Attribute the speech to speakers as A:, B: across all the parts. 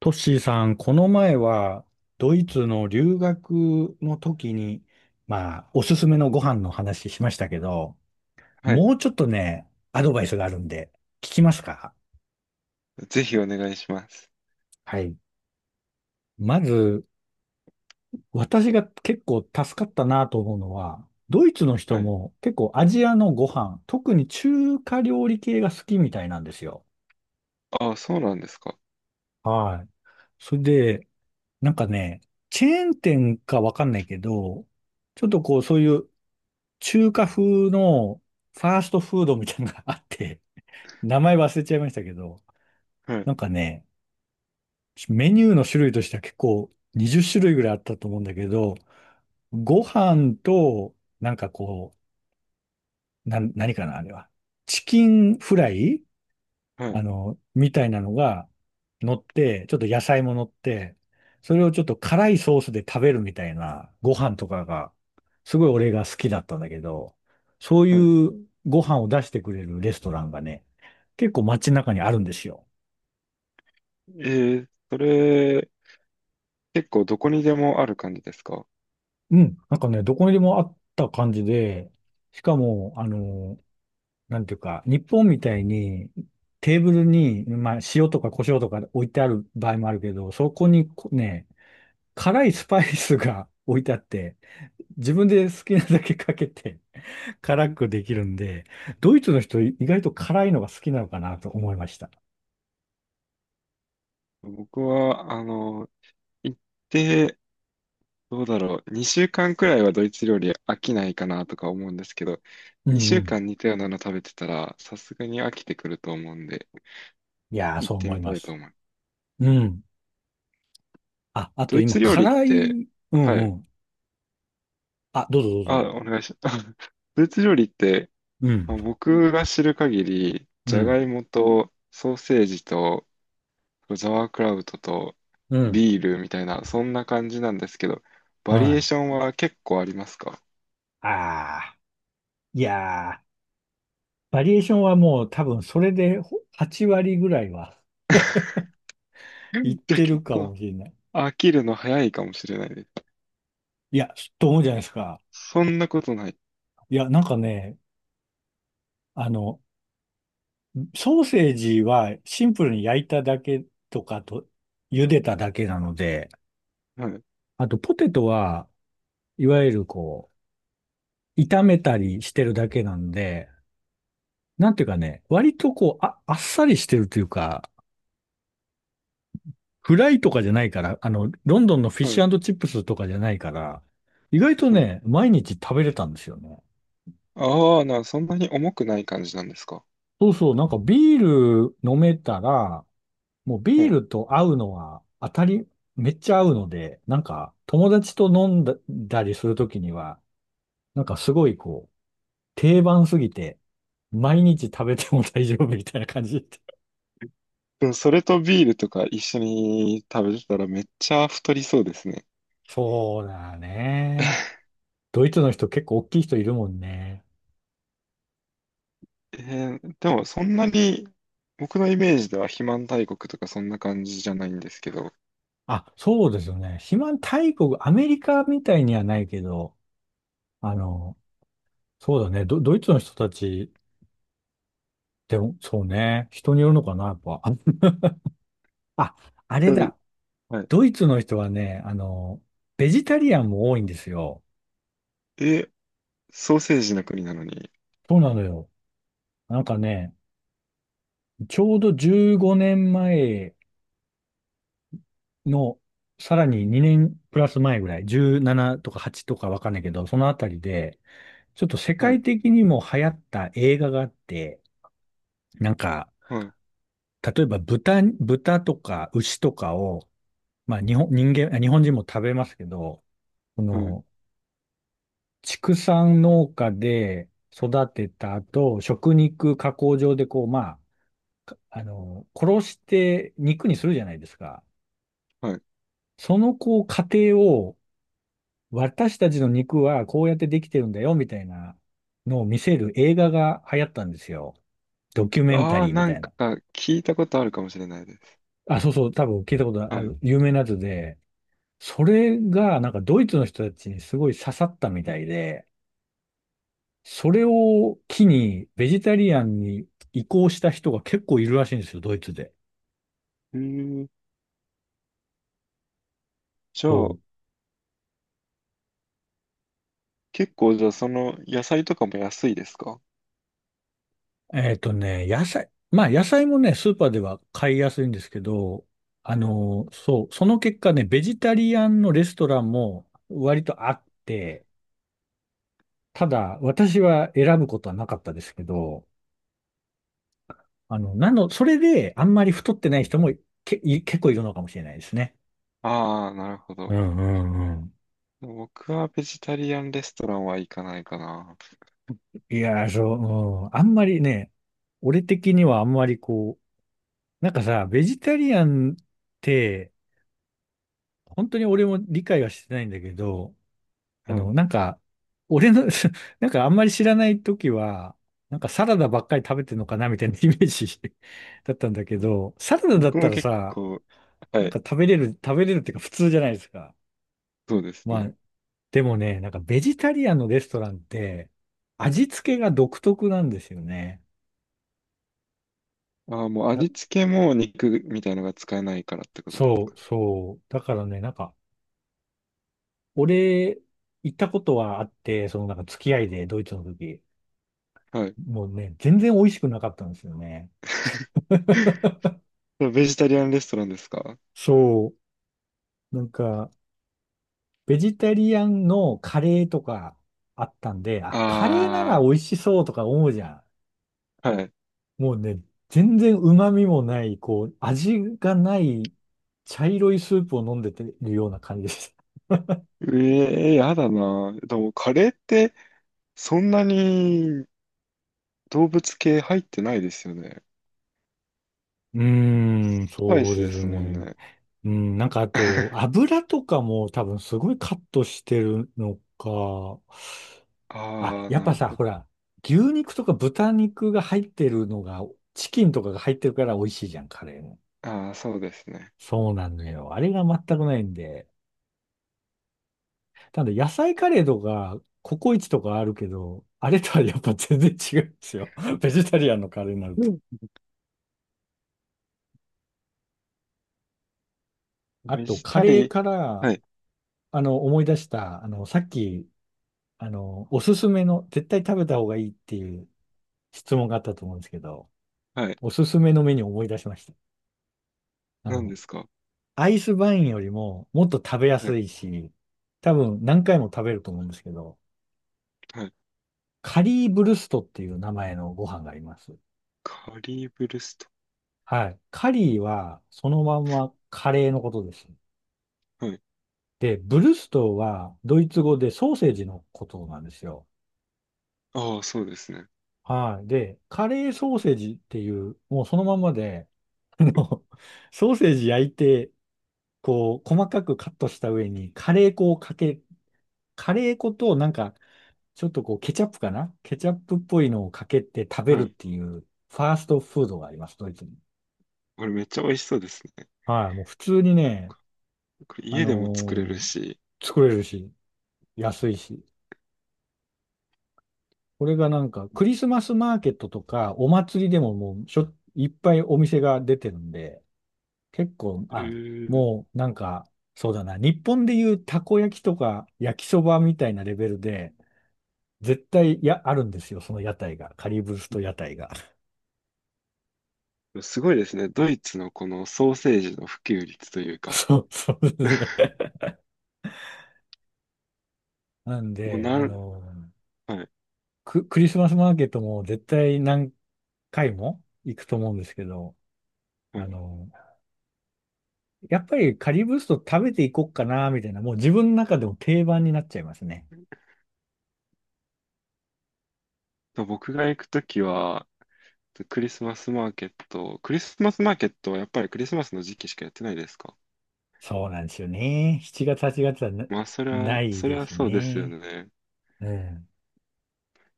A: トッシーさん、この前はドイツの留学の時に、おすすめのご飯の話しましたけど、
B: はい。
A: もうちょっとね、アドバイスがあるんで、聞きますか？
B: ぜひお願いします。
A: はい。まず、私が結構助かったなと思うのは、ドイツの人
B: はい。
A: も結構アジアのご飯、特に中華料理系が好きみたいなんですよ。
B: あ、そうなんですか？
A: はい。それで、なんかね、チェーン店かわかんないけど、ちょっとこう、そういう中華風のファーストフードみたいなのがあって、名前忘れちゃいましたけど、
B: はい。
A: なんかね、メニューの種類としては結構20種類ぐらいあったと思うんだけど、ご飯と、なんかこう、何かな、あれは。チキンフライ
B: はい。
A: みたいなのが乗って、ちょっと野菜も乗って、それをちょっと辛いソースで食べるみたいなご飯とかが、すごい俺が好きだったんだけど、そう
B: はい。
A: いうご飯を出してくれるレストランがね、結構街中にあるんですよ。
B: えー、それ、結構どこにでもある感じですか？
A: うん。なんかね、どこにでもあった感じで、しかも、なんていうか、日本みたいにテーブルに、まあ、塩とか胡椒とか置いてある場合もあるけど、そこにこね、辛いスパイスが置いてあって、自分で好きなだけかけて辛くできるんで、ドイツの人意外と辛いのが好きなのかなと思いました。
B: 僕は、行って、どうだろう。2週間くらいはドイツ料理飽きないかなとか思うんですけど、
A: う
B: 2
A: んう
B: 週
A: ん。
B: 間似たようなの食べてたら、さすがに飽きてくると思うんで、
A: いやー、
B: 行っ
A: そう
B: て
A: 思い
B: みた
A: ま
B: いと
A: す。
B: 思う。
A: うん。あ、あ
B: ド
A: と
B: イ
A: 今、
B: ツ料理っ
A: 辛
B: て、
A: い、うん
B: は
A: う
B: い。
A: ん。あ、どうぞどう
B: あ、
A: ぞ。
B: お願いします。ドイツ料理って、
A: うん、
B: まあ僕が知る限り、
A: う
B: じゃが
A: ん、
B: いもとソーセージとザワークラウトと
A: うん。
B: ビールみたいな、そんな感じなんですけど、バリ
A: は
B: エー
A: い。
B: ションは結構ありますか？
A: ああ、いやー、バリエーションはもう多分それでほ8割ぐらいは
B: う
A: いっ
B: ん。じゃあ
A: てる
B: 結
A: か
B: 構
A: もしれない。
B: 飽きるの早いかもしれないです。
A: いや、と思うじゃないですか。
B: そんなことない。
A: いや、なんかね、あの、ソーセージはシンプルに焼いただけとかと、茹でただけなので、
B: はい。
A: あとポテトはいわゆるこう、炒めたりしてるだけなんで、なんていうかね、割とこう、あっさりしてるというか、フライとかじゃないから、ロンドンのフィッ
B: は
A: シ
B: い。
A: ュチップスとかじゃないから、意外と
B: はい。
A: ね、毎日食べれたんですよね。
B: ああ、そんなに重くない感じなんですか？
A: そうそう、なんかビール飲めたら、もう
B: は
A: ビー
B: い。
A: ルと合うのは当たり、めっちゃ合うので、なんか友達と飲んだだりするときには、なんかすごいこう、定番すぎて、毎日食べても大丈夫みたいな感じ。
B: でも、それとビールとか一緒に食べてたらめっちゃ太りそうですね。
A: そうだね。ドイツの人結構大きい人いるもんね。
B: えー、でも、そんなに、僕のイメージでは肥満大国とかそんな感じじゃないんですけど。
A: あ、そうですよね。肥満大国、アメリカみたいにはないけど、あの、そうだね。ドイツの人たち、でも、そうね。人によるのかな、やっぱ。あ、ああ
B: う
A: れ
B: ん。
A: だ。
B: はい。
A: ドイツの人はね、ベジタリアンも多いんですよ。
B: え、ソーセージの国なのに。
A: そうなのよ。なんかね、ちょうど15年前の、さらに2年プラス前ぐらい、17とか8とかわかんないけど、そのあたりで、ちょっと世
B: は
A: 界
B: い。
A: 的にも流行った映画があって、なんか、
B: はい。
A: 例えば豚とか牛とかを、まあ日本、人間、あ日本人も食べますけど、そ
B: はい。
A: の、畜産農家で育てた後、食肉加工場でこう、まあ、かあの、殺して肉にするじゃないですか。
B: はい。
A: そのこう、過程を、私たちの肉はこうやってできてるんだよ、みたいなのを見せる映画が流行ったんですよ。ドキュメンタ
B: ああ、
A: リーみ
B: な
A: た
B: ん
A: いな。
B: か聞いたことあるかもしれないです。
A: あ、そうそう、多分聞いたこと
B: は
A: あ
B: い。
A: る、有名なやつで、それがなんかドイツの人たちにすごい刺さったみたいで、それを機に、ベジタリアンに移行した人が結構いるらしいんですよ、ドイツで。
B: えー、じゃあ、
A: そう。
B: 結構じゃあその野菜とかも安いですか？
A: えっとね、野菜、まあ野菜もね、スーパーでは買いやすいんですけど、そう、その結果ね、ベジタリアンのレストランも割とあって、ただ私は選ぶことはなかったですけど、それであんまり太ってない人も結構いるのかもしれないですね。
B: ああ、なるほ
A: う
B: ど。
A: んうんうん。
B: 僕はベジタリアンレストランは行かないかな。
A: いやー、そう、うん。あんまりね、俺的にはあんまりこう、なんかさ、ベジタリアンって、本当に俺も理解はしてないんだけど、
B: はい。
A: なんか、俺の、なんかあんまり知らない時は、なんかサラダばっかり食べてるのかなみたいな イメージ だったんだけど、サラダだ
B: 僕
A: った
B: も
A: ら
B: 結
A: さ、
B: 構、は
A: なん
B: い、
A: か食べれるっていうか普通じゃないですか。
B: そうです
A: まあ、
B: ね。
A: でもね、なんかベジタリアンのレストランって、味付けが独特なんですよね。
B: ああ、もう味付けも肉みたいのが使えないからってことですかね？
A: そう。だからね、なんか、俺、行ったことはあって、そのなんか付き合いでドイツの時、
B: はい。
A: もうね、全然美味しくなかったんですよね。
B: ベジタリアンレストランですか？
A: そう。なんか、ベジタリアンのカレーとかあったんで、あ、カレーなら
B: あ
A: 美味しそうとか思うじゃ
B: あー、はい。
A: ん。もうね、全然旨味もない、こう、味がない茶色いスープを飲んでてるような感じです。
B: ええやだな。でも、カレーって、そんなに動物系入ってないですよね。
A: うーん、
B: スパイ
A: そう
B: ス
A: で
B: で
A: す
B: すもん
A: ね。
B: ね。
A: うん、なんかあと、油とかも多分すごいカットしてるのか。あ、
B: ああ、
A: やっ
B: な
A: ぱ
B: る
A: さ、
B: ほど。
A: ほら、牛肉とか豚肉が入ってるのが、チキンとかが入ってるから美味しいじゃん、カレーも。
B: ああ、そうですね。
A: そうなのよ。あれが全くないんで。ただ野菜カレーとか、ココイチとかあるけど、あれとはやっぱ全然違うんですよ。ベジタリアンのカレーになる
B: う
A: と。
B: ん。
A: あ
B: ベ
A: と、
B: ジ
A: カ
B: タ
A: レー
B: リー、
A: から、
B: はい、
A: 思い出した、さっき、おすすめの、絶対食べた方がいいっていう、質問があったと思うんですけど、
B: はい。
A: おすすめのメニューを思い出しました。あ
B: 何で
A: の、
B: すか？
A: アイスバインよりももっと食べや
B: は
A: す
B: い、
A: いし、多分何回も食べると思うんですけど、
B: はい。
A: カリーブルストっていう名前のご飯があります。
B: カリーブルスト。
A: はい。カリーはそのまんまカレーのことです。
B: はい。
A: で、ブルストはドイツ語でソーセージのことなんですよ。
B: ああ、そうですね。
A: はい。で、カレーソーセージっていう、もうそのまんまで、あの、ソーセージ焼いて、こう、細かくカットした上に、カレー粉となんか、ちょっとこう、ケチャップっぽいのをかけて食べる
B: は
A: っ
B: い。
A: ていう、ファーストフードがあります、ドイツに。
B: これめっちゃ美味しそうですね。
A: はい。もう普通にね、
B: これ
A: あ
B: 家でも作れる
A: の
B: し。
A: ー作れるし、安いし。これがなんか、クリスマスマーケットとか、お祭りでももう、しょ、いっぱいお店が出てるんで、結構、
B: え
A: あ、
B: ー、
A: もうなんか、そうだな、日本でいうたこ焼きとか焼きそばみたいなレベルで、絶対や、あるんですよ、その屋台が。カリブスト屋台が。
B: すごいですね。ドイツのこのソーセージの普及率というか。
A: そうそうです ね。なん
B: もう
A: で、
B: なん、はい、
A: クリスマスマーケットも絶対何回も行くと思うんですけど、
B: は
A: あ
B: い。
A: の、やっぱりカリブスト食べていこうかな、みたいな、もう自分の中でも定番になっちゃいますね。
B: と僕が行くときは、クリスマスマーケット、クリスマスマーケットはやっぱりクリスマスの時期しかやってないですか？
A: そうなんですよね。7月、8月はな、
B: まあ、それ
A: な
B: は、
A: い
B: それ
A: で
B: は
A: す
B: そうですよ
A: ね。
B: ね。
A: うん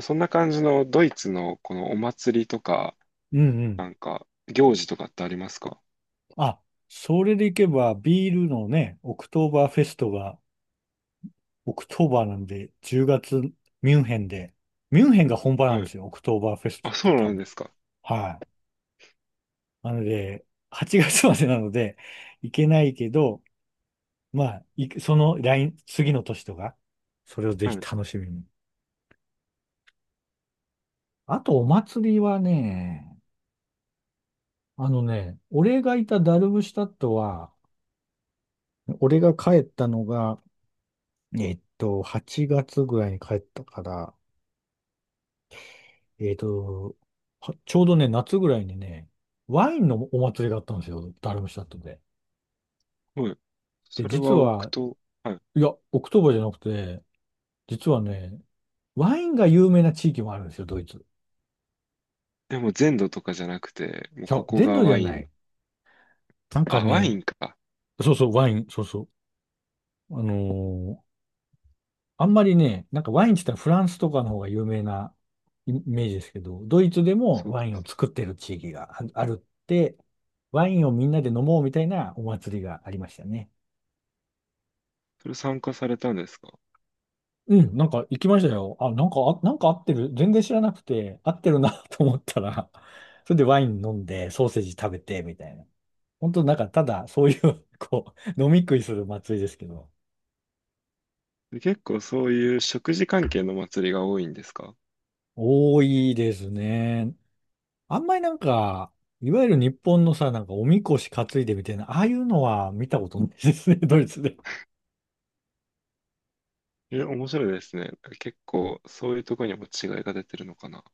B: そんな感じのドイツのこのお祭りとか、
A: うんうん。
B: なんか行事とかってありますか？
A: あ、それでいけば、ビールのね、オクトーバーフェストが、オクトーバーなんで、10月、ミュンヘンで、ミュンヘンが本場なん
B: は
A: で
B: い。
A: すよ、オクトーバーフェスト
B: あ、
A: っ
B: そ
A: て
B: う
A: 多
B: なん
A: 分。
B: ですか？
A: はい。なので、8月までなので、行けないけど、まあ、いその来、次の年とか、それをぜ
B: は
A: ひ
B: い。
A: 楽しみに。あと、お祭りはね、あのね、俺がいたダルブシュタットは、俺が帰ったのが、えっと、8月ぐらいに帰ったから、えっと、はちょうどね、夏ぐらいにね、ワインのお祭りがあったんですよ、ダルムシャットで。
B: はい。
A: で、
B: それ
A: 実
B: は置く
A: は、
B: と、はい。
A: いや、オクトーバーじゃなくて、実はね、ワインが有名な地域もあるんですよ、ドイツ。
B: でも全土とかじゃなくて、もう
A: ちゃ
B: こ
A: う
B: こ
A: 全
B: が
A: 土じ
B: ワ
A: ゃ
B: イ
A: ない。
B: ン。
A: なんか
B: あ、ワイ
A: ね、
B: ンか。
A: そう、ワイン、そうそう。あのーあんまりね、なんかワインって言ったらフランスとかの方が有名なイイメージですけど、ドイツでも
B: そう
A: ワイ
B: で
A: ンを
B: す。
A: 作ってる地域がああるって、ワインをみんなで飲もうみたいなお祭りがありましたね。
B: それ参加されたんですか？
A: うん、なんか行きましたよ。あ、なんか、あ、なんか合ってる。全然知らなくて、合ってるな と思ったら、それでワイン飲んで、ソーセージ食べて、みたいな。本当なんか、ただ、そういう こう、飲み食いする祭りですけど、
B: で結構そういう食事関係の祭りが多いんですか？
A: 多いですね。あんまりなんか、いわゆる日本のさ、なんか、おみこし担いでみたいな、ああいうのは見たことないですね、ドイツで。
B: え、面白いですね。結構そういうとこにも違いが出てるのかな。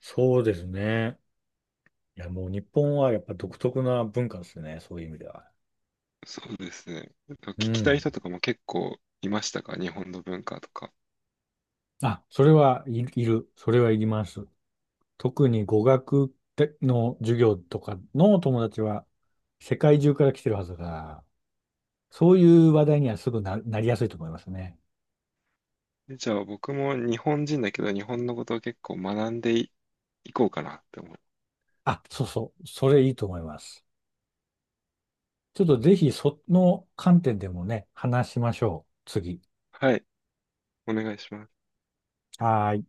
A: そうですね。いや、もう日本はやっぱ独特な文化ですね、そういう意味では。
B: そうですね。聞
A: う
B: きたい
A: ん。
B: 人とかも結構いましたか？日本の文化とか。
A: あ、それはい、いる。それはいります。特に語学の授業とかの友達は世界中から来てるはずだから、そういう話題にはすぐな、なりやすいと思いますね。
B: え、じゃあ僕も日本人だけど日本のことを結構学んでいこうかなって思う。
A: あ、そうそう。それいいと思います。ちょっとぜひその観点でもね、話しましょう。次。
B: はい、お願いします。
A: はーい。